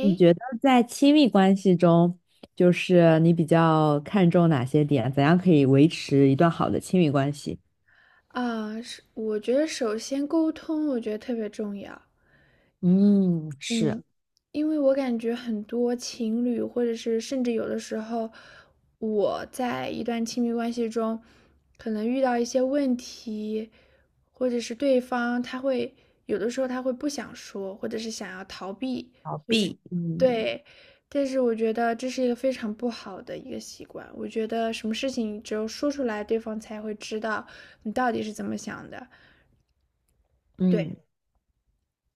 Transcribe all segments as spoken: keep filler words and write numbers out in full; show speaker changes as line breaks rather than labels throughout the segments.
你觉得在亲密关系中，就是你比较看重哪些点？怎样可以维持一段好的亲密关系？
啊，是我觉得首先沟通，我觉得特别重要。
嗯，是
嗯，因为我感觉很多情侣，或者是甚至有的时候，我在一段亲密关系中，可能遇到一些问题，或者是对方他会有的时候他会不想说，或者是想要逃避，
逃
或者是
避，嗯
对，但是我觉得这是一个非常不好的一个习惯。我觉得什么事情只有说出来，对方才会知道你到底是怎么想的。对
嗯，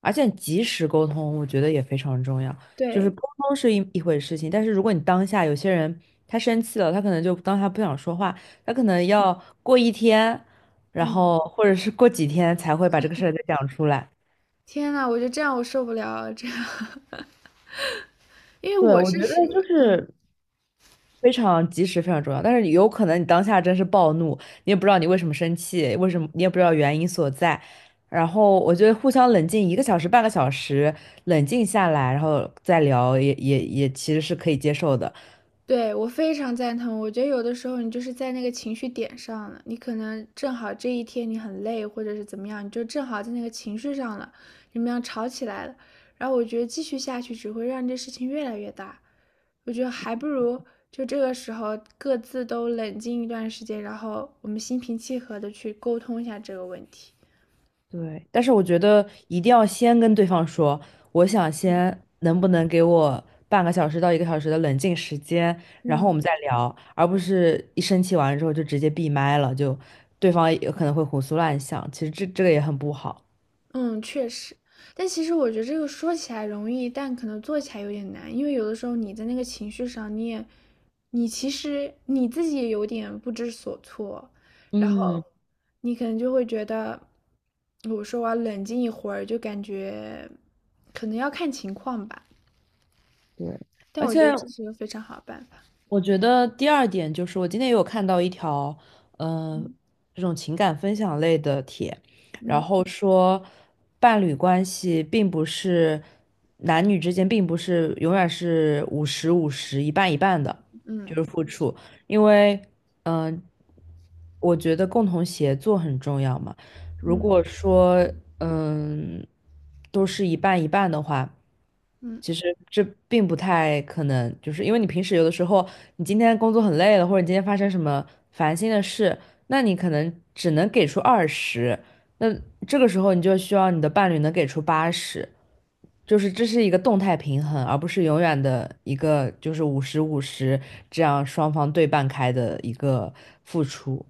而且及时沟通，我觉得也非常重要。就是
对，
沟通是一一回事情，但是如果你当下有些人他生气了，他可能就当下不想说话，他可能要过一天，然
嗯，
后或者是过几天才会把这个事儿再讲出来。
天呐，我觉得这样我受不了啊，这样。因为
对，
我
我觉
是
得
属于，
就是非常及时，非常重要。但是有可能你当下真是暴怒，你也不知道你为什么生气，为什么你也不知道原因所在。然后我觉得互相冷静一个小时、半个小时，冷静下来，然后再聊也，也也其实是可以接受的。
对，我非常赞同。我觉得有的时候你就是在那个情绪点上了，你可能正好这一天你很累，或者是怎么样，你就正好在那个情绪上了，你们俩吵起来了。然后我觉得继续下去只会让这事情越来越大。我觉得还不如就这个时候各自都冷静一段时间，然后我们心平气和的去沟通一下这个问题。
对，但是我觉得一定要先跟对方说，我想
嗯。
先能不能给我半个小时到一个小时的冷静时间，然后我
嗯。
们再聊，而不是一生气完之后就直接闭麦了，就对方也可能会胡思乱想，其实这这个也很不好。
嗯，确实，但其实我觉得这个说起来容易，但可能做起来有点难，因为有的时候你在那个情绪上，你也，你其实你自己也有点不知所措，然后
嗯，
你可能就会觉得，我说我要冷静一会儿，就感觉可能要看情况吧，
对，
但
而
我觉
且
得这是一个非常好的办法。
我觉得第二点就是，我今天也有看到一条，嗯、这种情感分享类的帖，然
嗯
后说伴侣关系并不是男女之间并不是永远是五十五十一半一半的，
嗯
就是付出，因为嗯、我觉得共同协作很重要嘛。如果
嗯
说嗯、都是一半一半的话。
嗯。
其实这并不太可能，就是因为你平时有的时候，你今天工作很累了，或者你今天发生什么烦心的事，那你可能只能给出二十，那这个时候你就需要你的伴侣能给出八十，就是这是一个动态平衡，而不是永远的一个就是五十五十这样双方对半开的一个付出。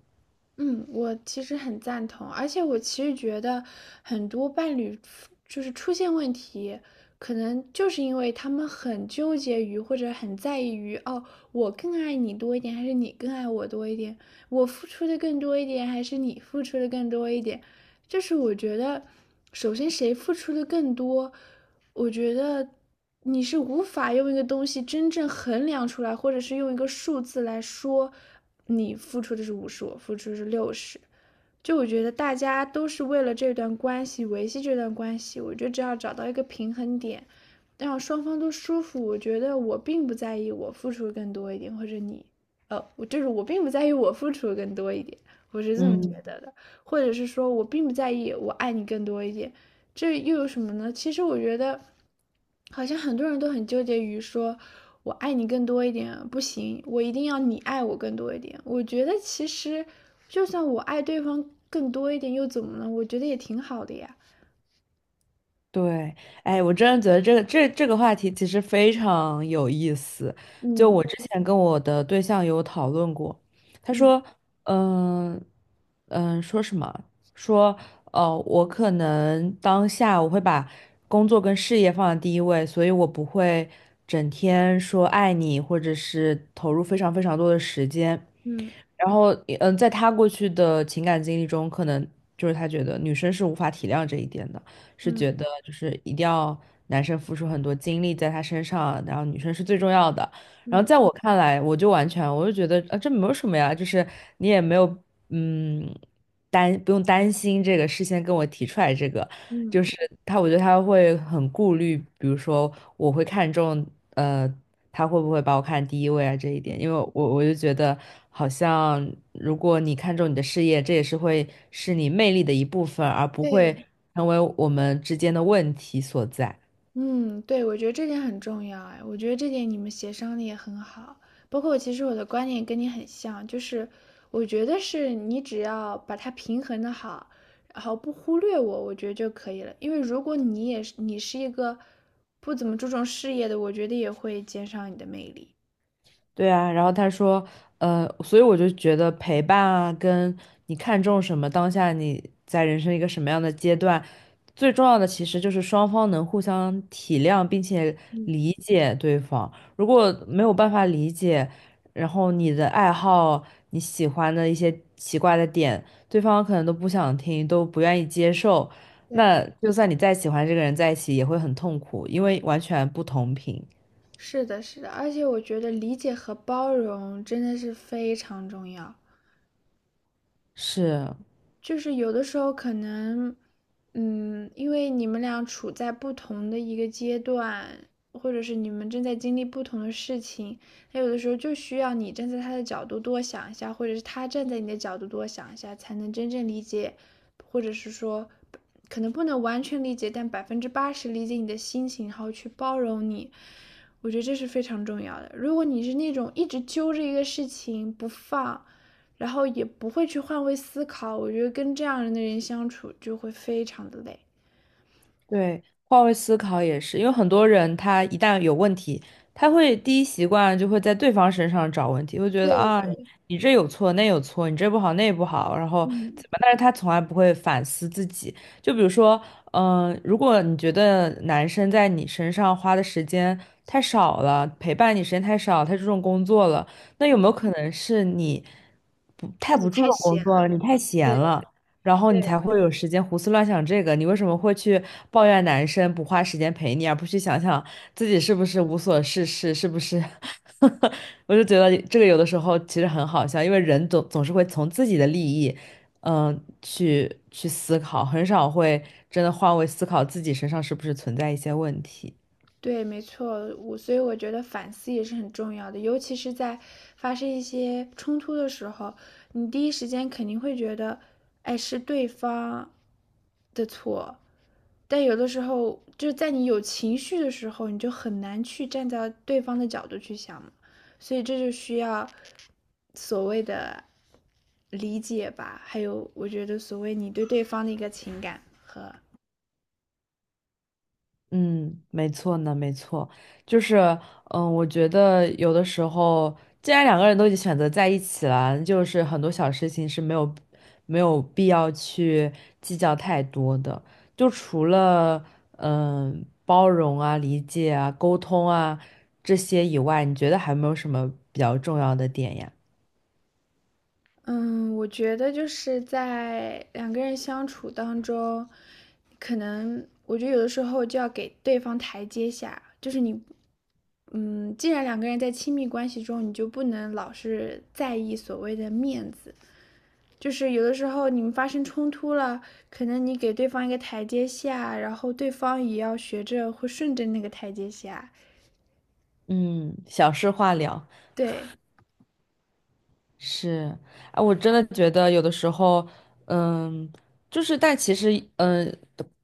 嗯，我其实很赞同，而且我其实觉得很多伴侣出就是出现问题，可能就是因为他们很纠结于或者很在意于，哦，我更爱你多一点，还是你更爱我多一点？我付出的更多一点，还是你付出的更多一点？就是我觉得，首先谁付出的更多，我觉得你是无法用一个东西真正衡量出来，或者是用一个数字来说，你付出的是五十，我付出的是六十。就我觉得大家都是为了这段关系维系这段关系，我觉得只要找到一个平衡点，让双方都舒服，我觉得我并不在意我付出更多一点，或者你，呃，我就是我并不在意我付出更多一点，我是这么觉
嗯
得的，或者是说我并不在意我爱你更多一点，这又有什么呢？其实我觉得，好像很多人都很纠结于说，我爱你更多一点不行，我一定要你爱我更多一点。我觉得其实，就算我爱对方更多一点又怎么了？我觉得也挺好的呀。
对，哎，我真的觉得这个这这个话题其实非常有意思。就
嗯
我之前跟我的对象有讨论过，他
嗯
说，嗯嗯，说什么？说，哦，我可能当下我会把工作跟事业放在第一位，所以我不会整天说爱你，或者是投入非常非常多的时间。
嗯
然后，嗯，在他过去的情感经历中，可能就是他觉得女生是无法体谅这一点的。是
嗯
觉得就是一定要男生付出很多精力在他身上，然后女生是最重要的。然后
嗯
在我看来，我就完全我就觉得啊，这没有什么呀，就是你也没有嗯担不用担心这个，事先跟我提出来这个，就
嗯
是他，我觉得他会很顾虑，比如说我会看重呃他会不会把我看第一位啊这一
嗯，
点，因为我我就觉得好像如果你看重你的事业，这也是会是你魅力的一部分，而不会
对。
成为我们之间的问题所在。
嗯，对，我觉得这点很重要哎，我觉得这点你们协商的也很好。包括其实我的观点跟你很像，就是我觉得是你只要把它平衡的好，然后不忽略我，我觉得就可以了。因为如果你也是你是一个不怎么注重事业的，我觉得也会减少你的魅力。
对啊，然后他说，呃，所以我就觉得陪伴啊，跟你看重什么，当下你在人生一个什么样的阶段，最重要的其实就是双方能互相体谅，并且理解对方。如果没有办法理解，然后你的爱好、你喜欢的一些奇怪的点，对方可能都不想听，都不愿意接受，
对，
那就算你再喜欢这个人在一起，也会很痛苦，因为完全不同频。
是的，是的，而且我觉得理解和包容真的是非常重要。
是，
就是有的时候可能，嗯，因为你们俩处在不同的一个阶段，或者是你们正在经历不同的事情，他有的时候就需要你站在他的角度多想一下，或者是他站在你的角度多想一下，才能真正理解，或者是说，可能不能完全理解，但百分之八十理解你的心情，然后去包容你。我觉得这是非常重要的。如果你是那种一直揪着一个事情不放，然后也不会去换位思考。我觉得跟这样的人相处就会非常的累。
对，换位思考也是，因为很多人他一旦有问题，他会第一习惯就会在对方身上找问题，会觉
对
得啊，
的，
你这有错，那有错，你这不好，那不好，然后
嗯，
怎么？但是他从来不会反思自己。就比如说，嗯、如果你觉得男生在你身上花的时间太少了，陪伴你时间太少，太注重工作了，那有没
嗯
有可能是你不太
自
不
己
注
太
重工
闲
作了，
了。
你太闲
对
了？然后你才
对，
会有时间胡思乱想这个。你为什么会去抱怨男生不花时间陪你，而不去想想自己是不是无所事事，是不是？我就觉得这个有的时候其实很好笑，因为人总总是会从自己的利益，嗯、去去思考，很少会真的换位思考自己身上是不是存在一些问题。
对，没错，我所以我觉得反思也是很重要的，尤其是在发生一些冲突的时候，你第一时间肯定会觉得，哎，是对方的错，但有的时候就是在你有情绪的时候，你就很难去站在对方的角度去想嘛，所以这就需要所谓的理解吧，还有我觉得所谓你对对方的一个情感和
嗯，没错呢，没错，就是，嗯，我觉得有的时候，既然两个人都已经选择在一起了，就是很多小事情是没有没有必要去计较太多的。就除了嗯包容啊、理解啊、沟通啊这些以外，你觉得还有没有什么比较重要的点呀？
嗯，我觉得就是在两个人相处当中，可能我觉得有的时候就要给对方台阶下，就是你。嗯，既然两个人在亲密关系中，你就不能老是在意所谓的面子，就是有的时候你们发生冲突了，可能你给对方一个台阶下，然后对方也要学着会顺着那个台阶下。
嗯，小事化了。
对
是，哎，我真的觉得有的时候，嗯，就是，但其实，嗯，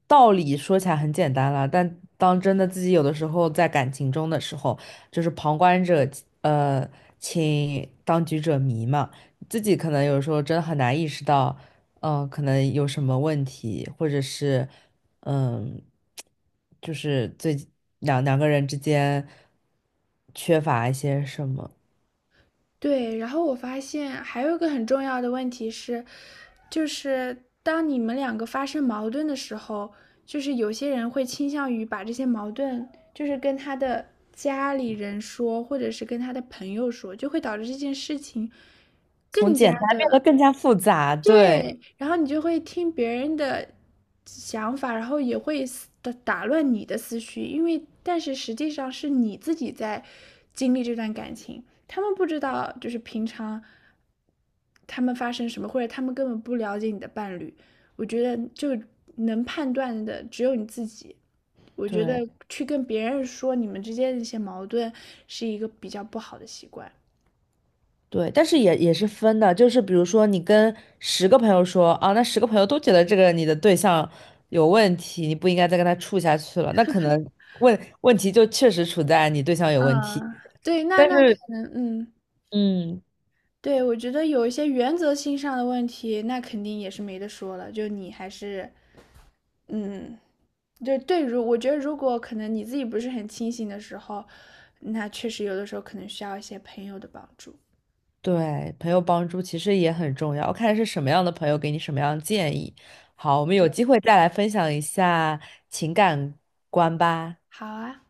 道理说起来很简单了，但当真的自己有的时候在感情中的时候，就是旁观者，呃，请当局者迷嘛，自己可能有时候真的很难意识到，嗯，可能有什么问题，或者是，嗯，就是最两两个人之间缺乏一些什么，
对，然后我发现还有一个很重要的问题是，就是当你们两个发生矛盾的时候，就是有些人会倾向于把这些矛盾，就是跟他的家里人说，或者是跟他的朋友说，就会导致这件事情
从
更
简
加
单变得
的
更加复杂，对。
对，然后你就会听别人的想法，然后也会思打打乱你的思绪，因为但是实际上是你自己在经历这段感情，他们不知道就是平常他们发生什么，或者他们根本不了解你的伴侣，我觉得就能判断的只有你自己。我觉
对
得去跟别人说你们之间的一些矛盾是一个比较不好的习惯。
对，但是也也是分的，就是比如说你跟十个朋友说啊，那十个朋友都觉得这个你的对象有问题，你不应该再跟他处下去了，那可能问问题就确实处在你对象有问题。
嗯，对，那
但
那可
是，
能，嗯。
嗯，
对，我觉得有一些原则性上的问题，那肯定也是没得说了。就你还是，嗯，就对，如我觉得，如果可能你自己不是很清醒的时候，那确实有的时候可能需要一些朋友的帮助。
对，朋友帮助其实也很重要，看是什么样的朋友给你什么样的建议。好，我们有
对，
机会再来分享一下情感观吧。
好啊。